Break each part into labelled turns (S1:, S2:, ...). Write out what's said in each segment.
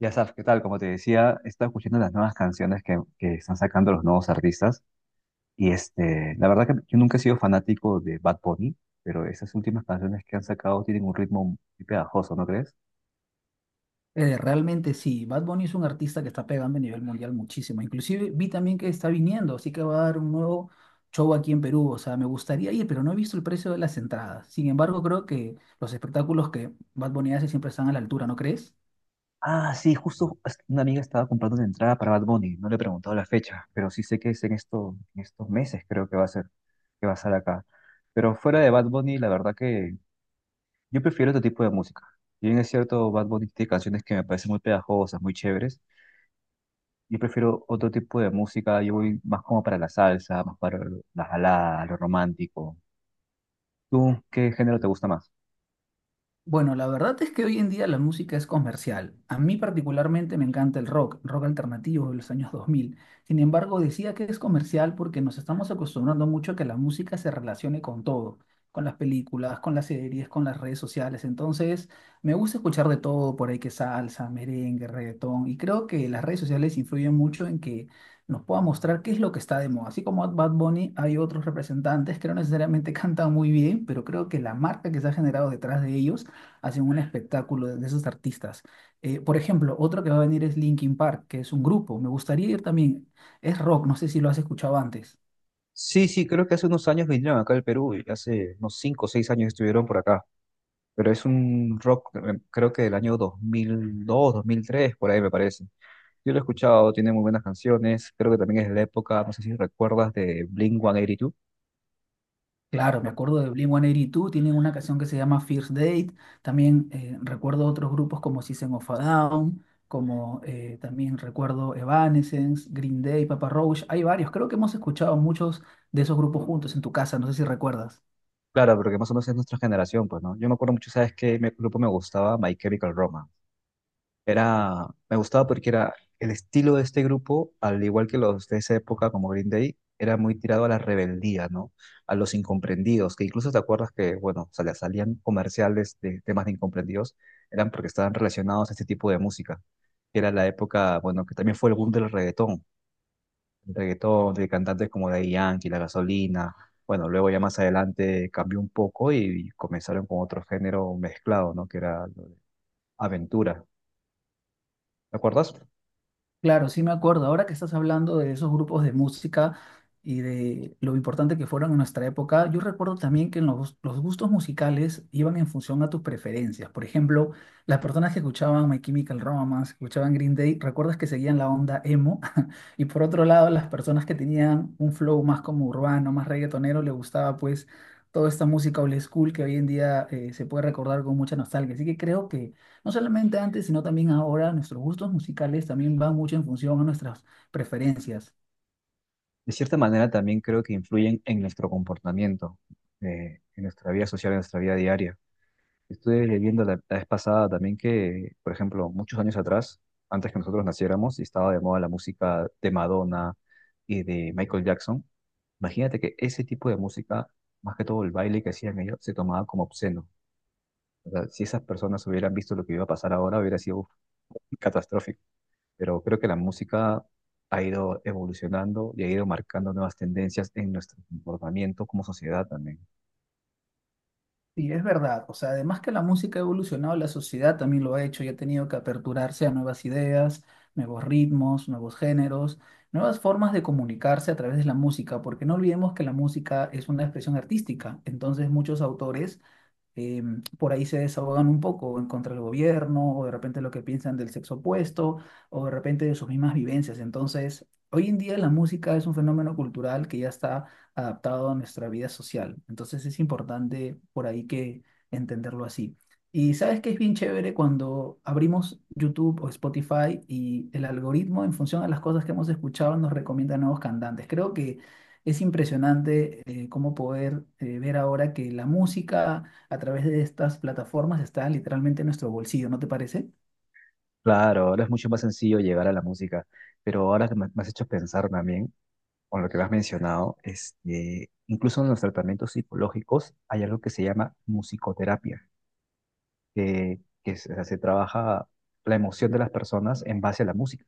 S1: Ya sabes, ¿qué tal? Como te decía, he estado escuchando las nuevas canciones que están sacando los nuevos artistas. La verdad que yo nunca he sido fanático de Bad Bunny, pero esas últimas canciones que han sacado tienen un ritmo muy pegajoso, ¿no crees?
S2: Realmente sí, Bad Bunny es un artista que está pegando a nivel mundial muchísimo. Inclusive vi también que está viniendo, así que va a dar un nuevo show aquí en Perú. O sea, me gustaría ir, pero no he visto el precio de las entradas. Sin embargo, creo que los espectáculos que Bad Bunny hace siempre están a la altura, ¿no crees?
S1: Ah, sí, una amiga estaba comprando una entrada para Bad Bunny. No le he preguntado la fecha, pero sí sé que es en estos meses, creo que va a ser, que va a estar acá. Pero fuera de Bad Bunny, la verdad que yo prefiero otro tipo de música. Si bien es cierto, Bad Bunny tiene canciones que me parecen muy pegajosas, muy chéveres. Yo prefiero otro tipo de música, yo voy más como para la salsa, más para la balada, lo romántico. ¿Tú qué género te gusta más?
S2: Bueno, la verdad es que hoy en día la música es comercial. A mí particularmente me encanta el rock, rock alternativo de los años 2000. Sin embargo, decía que es comercial porque nos estamos acostumbrando mucho a que la música se relacione con todo, con las películas, con las series, con las redes sociales. Entonces, me gusta escuchar de todo, por ahí que salsa, merengue, reggaetón. Y creo que las redes sociales influyen mucho en que nos pueda mostrar qué es lo que está de moda. Así como Bad Bunny, hay otros representantes que no necesariamente cantan muy bien, pero creo que la marca que se ha generado detrás de ellos hacen un espectáculo de esos artistas. Por ejemplo, otro que va a venir es Linkin Park, que es un grupo. Me gustaría ir también. Es rock, no sé si lo has escuchado antes.
S1: Sí, sí, creo que hace unos años vinieron acá al Perú, y hace unos 5 o 6 años estuvieron por acá, pero es un rock, creo que del año 2002, 2003, por ahí me parece. Yo lo he escuchado, tiene muy buenas canciones, creo que también es de la época, no sé si recuerdas, de Blink-182.
S2: Claro, me acuerdo de Blink-182, tienen una canción que se llama First Date. También recuerdo otros grupos como System of a Down, como también recuerdo Evanescence, Green Day, Papa Roach. Hay varios, creo que hemos escuchado muchos de esos grupos juntos en tu casa, no sé si recuerdas.
S1: Claro, porque más o menos es nuestra generación, pues, ¿no? Yo me acuerdo mucho, ¿sabes grupo me gustaba? My Chemical Romance. Era, me gustaba porque era el estilo de este grupo, al igual que los de esa época como Green Day, era muy tirado a la rebeldía, ¿no? A los incomprendidos, que incluso te acuerdas que, bueno, o sea, salían comerciales de temas de incomprendidos, eran porque estaban relacionados a este tipo de música. Que Era la época, bueno, que también fue el boom del reggaetón, el reggaetón de cantantes como Daddy Yankee, La Gasolina. Bueno, luego ya más adelante cambió un poco y comenzaron con otro género mezclado, ¿no? Que era aventura. ¿Te acuerdas?
S2: Claro, sí me acuerdo. Ahora que estás hablando de esos grupos de música y de lo importante que fueron en nuestra época, yo recuerdo también que en los gustos musicales iban en función a tus preferencias. Por ejemplo, las personas que escuchaban My Chemical Romance, que escuchaban Green Day, ¿recuerdas que seguían la onda emo? Y por otro lado, las personas que tenían un flow más como urbano, más reggaetonero, les gustaba pues toda esta música old school que hoy en día se puede recordar con mucha nostalgia. Así que creo que no solamente antes, sino también ahora, nuestros gustos musicales también van mucho en función a nuestras preferencias.
S1: De cierta manera también creo que influyen en nuestro comportamiento, en nuestra vida social, en nuestra vida diaria. Estuve viendo la vez pasada también que, por ejemplo, muchos años atrás, antes que nosotros naciéramos y estaba de moda la música de Madonna y de Michael Jackson, imagínate que ese tipo de música, más que todo el baile que hacían ellos, se tomaba como obsceno. O sea, si esas personas hubieran visto lo que iba a pasar ahora, hubiera sido catastrófico, pero creo que la música ha ido evolucionando y ha ido marcando nuevas tendencias en nuestro comportamiento como sociedad también.
S2: Sí, es verdad. O sea, además que la música ha evolucionado, la sociedad también lo ha hecho y ha tenido que aperturarse a nuevas ideas, nuevos ritmos, nuevos géneros, nuevas formas de comunicarse a través de la música, porque no olvidemos que la música es una expresión artística. Entonces, muchos autores eh, por ahí se desahogan un poco en contra del gobierno, o de repente lo que piensan del sexo opuesto, o de repente de sus mismas vivencias. Entonces, hoy en día la música es un fenómeno cultural que ya está adaptado a nuestra vida social. Entonces, es importante por ahí que entenderlo así. Y sabes que es bien chévere cuando abrimos YouTube o Spotify y el algoritmo en función a las cosas que hemos escuchado nos recomienda nuevos cantantes. Creo que es impresionante cómo poder ver ahora que la música a través de estas plataformas está literalmente en nuestro bolsillo, ¿no te parece?
S1: Claro, ahora es mucho más sencillo llegar a la música, pero ahora que me has hecho pensar también, con lo que me has mencionado, incluso en los tratamientos psicológicos hay algo que se llama musicoterapia, se trabaja la emoción de las personas en base a la música.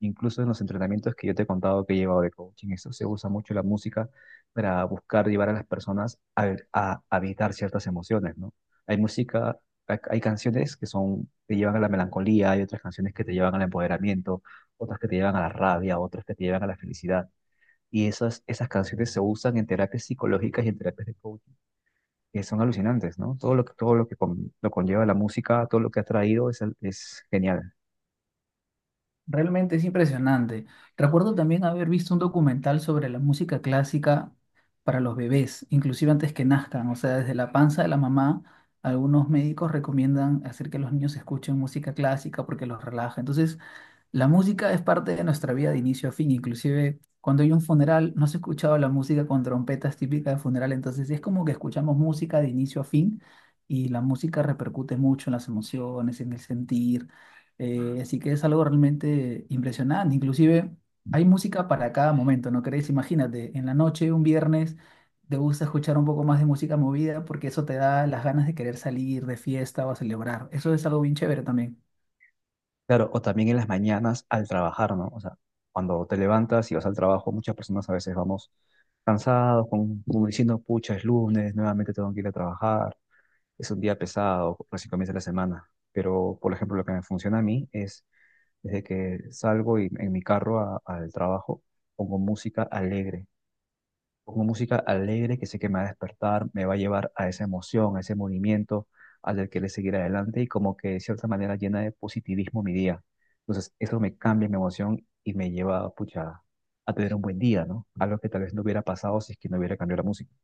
S1: Incluso en los entrenamientos que yo te he contado que he llevado de coaching, eso se usa mucho la música para buscar llevar a las personas a ciertas emociones, ¿no? Hay música, hay canciones que son, te llevan a la melancolía, hay otras canciones que te llevan al empoderamiento, otras que te llevan a la rabia, otras que te llevan a la felicidad. Esas canciones se usan en terapias psicológicas y en terapias de coaching, que son alucinantes, ¿no? Todo lo que lo conlleva la música, todo lo que ha traído es genial.
S2: Realmente es impresionante. Recuerdo también haber visto un documental sobre la música clásica para los bebés, inclusive antes que nazcan, o sea, desde la panza de la mamá, algunos médicos recomiendan hacer que los niños escuchen música clásica porque los relaja. Entonces, la música es parte de nuestra vida de inicio a fin, inclusive cuando hay un funeral, no se ha escuchado la música con trompetas típica de funeral, entonces es como que escuchamos música de inicio a fin y la música repercute mucho en las emociones, en el sentir, así que es algo realmente impresionante, inclusive hay música para cada momento, ¿no crees? Imagínate, en la noche, un viernes, te gusta escuchar un poco más de música movida porque eso te da las ganas de querer salir de fiesta o a celebrar, eso es algo bien chévere también.
S1: Claro, o también en las mañanas al trabajar, ¿no? O sea, cuando te levantas y vas al trabajo, muchas personas a veces vamos cansados, como diciendo, pucha, es lunes, nuevamente tengo que ir a trabajar, es un día pesado, recién comienza la semana. Pero, por ejemplo, lo que me funciona a mí es, desde que salgo en mi carro al trabajo, pongo música alegre. Pongo música alegre que sé que me va a despertar, me va a llevar a esa emoción, a ese movimiento, a del querer seguir adelante y como que de cierta manera llena de positivismo mi día. Entonces, eso me cambia mi emoción y me lleva, pucha, a tener un buen día, ¿no? Algo que tal vez no hubiera pasado si es que no hubiera cambiado la música.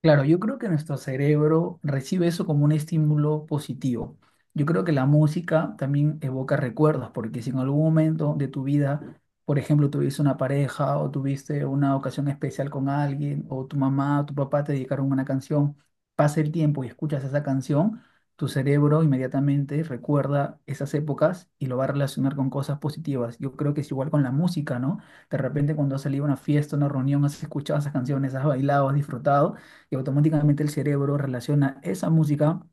S2: Claro, yo creo que nuestro cerebro recibe eso como un estímulo positivo. Yo creo que la música también evoca recuerdos, porque si en algún momento de tu vida, por ejemplo, tuviste una pareja o tuviste una ocasión especial con alguien, o tu mamá o tu papá te dedicaron una canción, pasa el tiempo y escuchas esa canción, tu cerebro inmediatamente recuerda esas épocas y lo va a relacionar con cosas positivas. Yo creo que es igual con la música, ¿no? De repente cuando has salido a una fiesta, una reunión, has escuchado esas canciones, has bailado, has disfrutado y automáticamente el cerebro relaciona esa música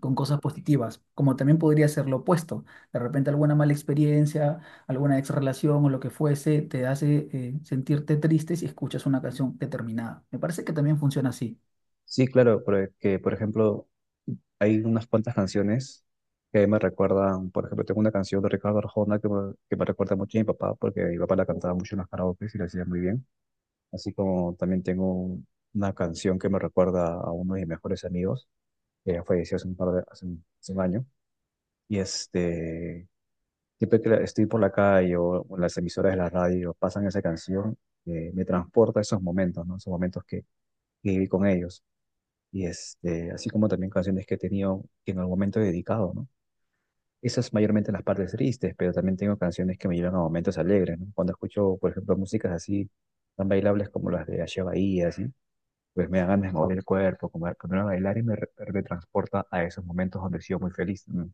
S2: con cosas positivas, como también podría ser lo opuesto. De repente alguna mala experiencia, alguna ex relación o lo que fuese te hace sentirte triste si escuchas una canción determinada. Me parece que también funciona así.
S1: Sí, claro, porque, por ejemplo, hay unas cuantas canciones que me recuerdan, por ejemplo, tengo una canción de Ricardo Arjona que me recuerda mucho a mi papá, porque mi papá la cantaba mucho en los karaoke y la hacía muy bien. Así como también tengo una canción que me recuerda a uno de mis mejores amigos, que ya falleció hace un par de, hace un año. Y este, siempre que estoy por la calle o en las emisoras de la radio, pasan esa canción, me transporta a esos momentos, ¿no? Esos momentos que viví con ellos. Así como también canciones que he tenido que en algún momento he dedicado, ¿no? Esas mayormente las partes tristes, pero también tengo canciones que me llevan a momentos alegres, ¿no? Cuando escucho, por ejemplo, músicas así tan bailables como las de Ache Bahía, pues me dan ganas de mover el cuerpo, comer, ponerme a bailar y me retransporta a esos momentos donde he sido muy feliz. Mm.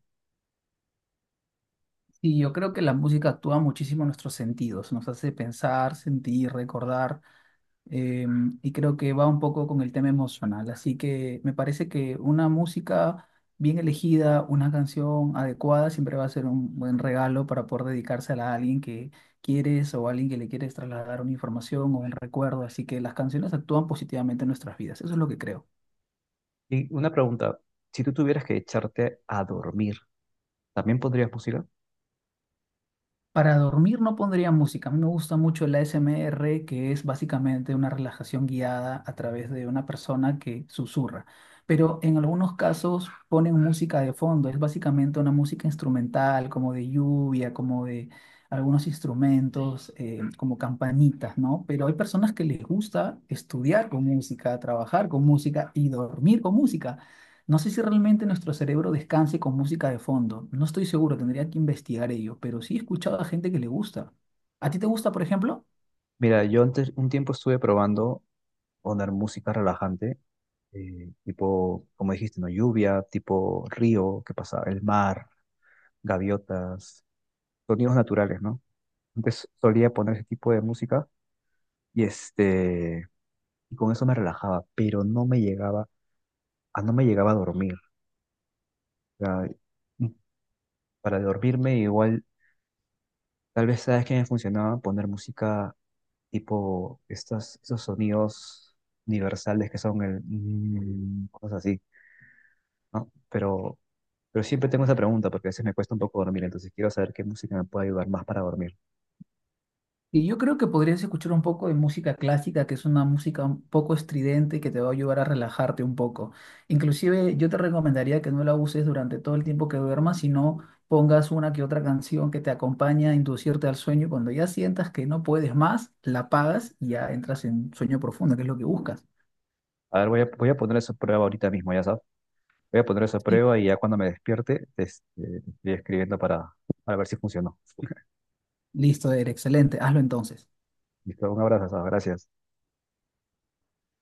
S2: Y yo creo que la música actúa muchísimo en nuestros sentidos, nos hace pensar, sentir, recordar. eh, y creo que va un poco con el tema emocional. Así que me parece que una música bien elegida, una canción adecuada, siempre va a ser un buen regalo para poder dedicársela a alguien que quieres o a alguien que le quieres trasladar una información o un recuerdo. Así que las canciones actúan positivamente en nuestras vidas. Eso es lo que creo.
S1: Y una pregunta, si tú tuvieras que echarte a dormir, ¿también pondrías música?
S2: Para dormir no pondría música. A mí me gusta mucho el ASMR, que es básicamente una relajación guiada a través de una persona que susurra. Pero en algunos casos ponen música de fondo. Es básicamente una música instrumental, como de lluvia, como de algunos instrumentos, como campanitas, ¿no? Pero hay personas que les gusta estudiar con música, trabajar con música y dormir con música. No sé si realmente nuestro cerebro descanse con música de fondo. No estoy seguro, tendría que investigar ello, pero sí he escuchado a gente que le gusta. ¿A ti te gusta, por ejemplo?
S1: Mira, yo antes un tiempo estuve probando poner música relajante, tipo, como dijiste, ¿no? Lluvia, tipo río, ¿qué pasa? El mar, gaviotas, sonidos naturales, ¿no? Antes solía poner ese tipo de música y este, y con eso me relajaba, pero no me llegaba, a no me llegaba a dormir. Sea, mm, para dormirme igual, tal vez sabes que me funcionaba poner música tipo esos sonidos universales que son el mm, cosas así, ¿no? Pero siempre tengo esa pregunta porque a veces me cuesta un poco dormir, entonces quiero saber qué música me puede ayudar más para dormir.
S2: Y yo creo que podrías escuchar un poco de música clásica, que es una música un poco estridente que te va a ayudar a relajarte un poco. Inclusive yo te recomendaría que no la uses durante todo el tiempo que duermas, sino pongas una que otra canción que te acompañe a inducirte al sueño. Cuando ya sientas que no puedes más, la apagas y ya entras en sueño profundo, que es lo que buscas.
S1: A ver, voy a poner eso a prueba ahorita mismo, ya sabes. Voy a poner eso a
S2: Sí.
S1: prueba y ya cuando me despierte, estoy escribiendo para ver si funcionó.
S2: Listo, Eder, excelente. Hazlo entonces.
S1: Listo, un abrazo, Saba, gracias.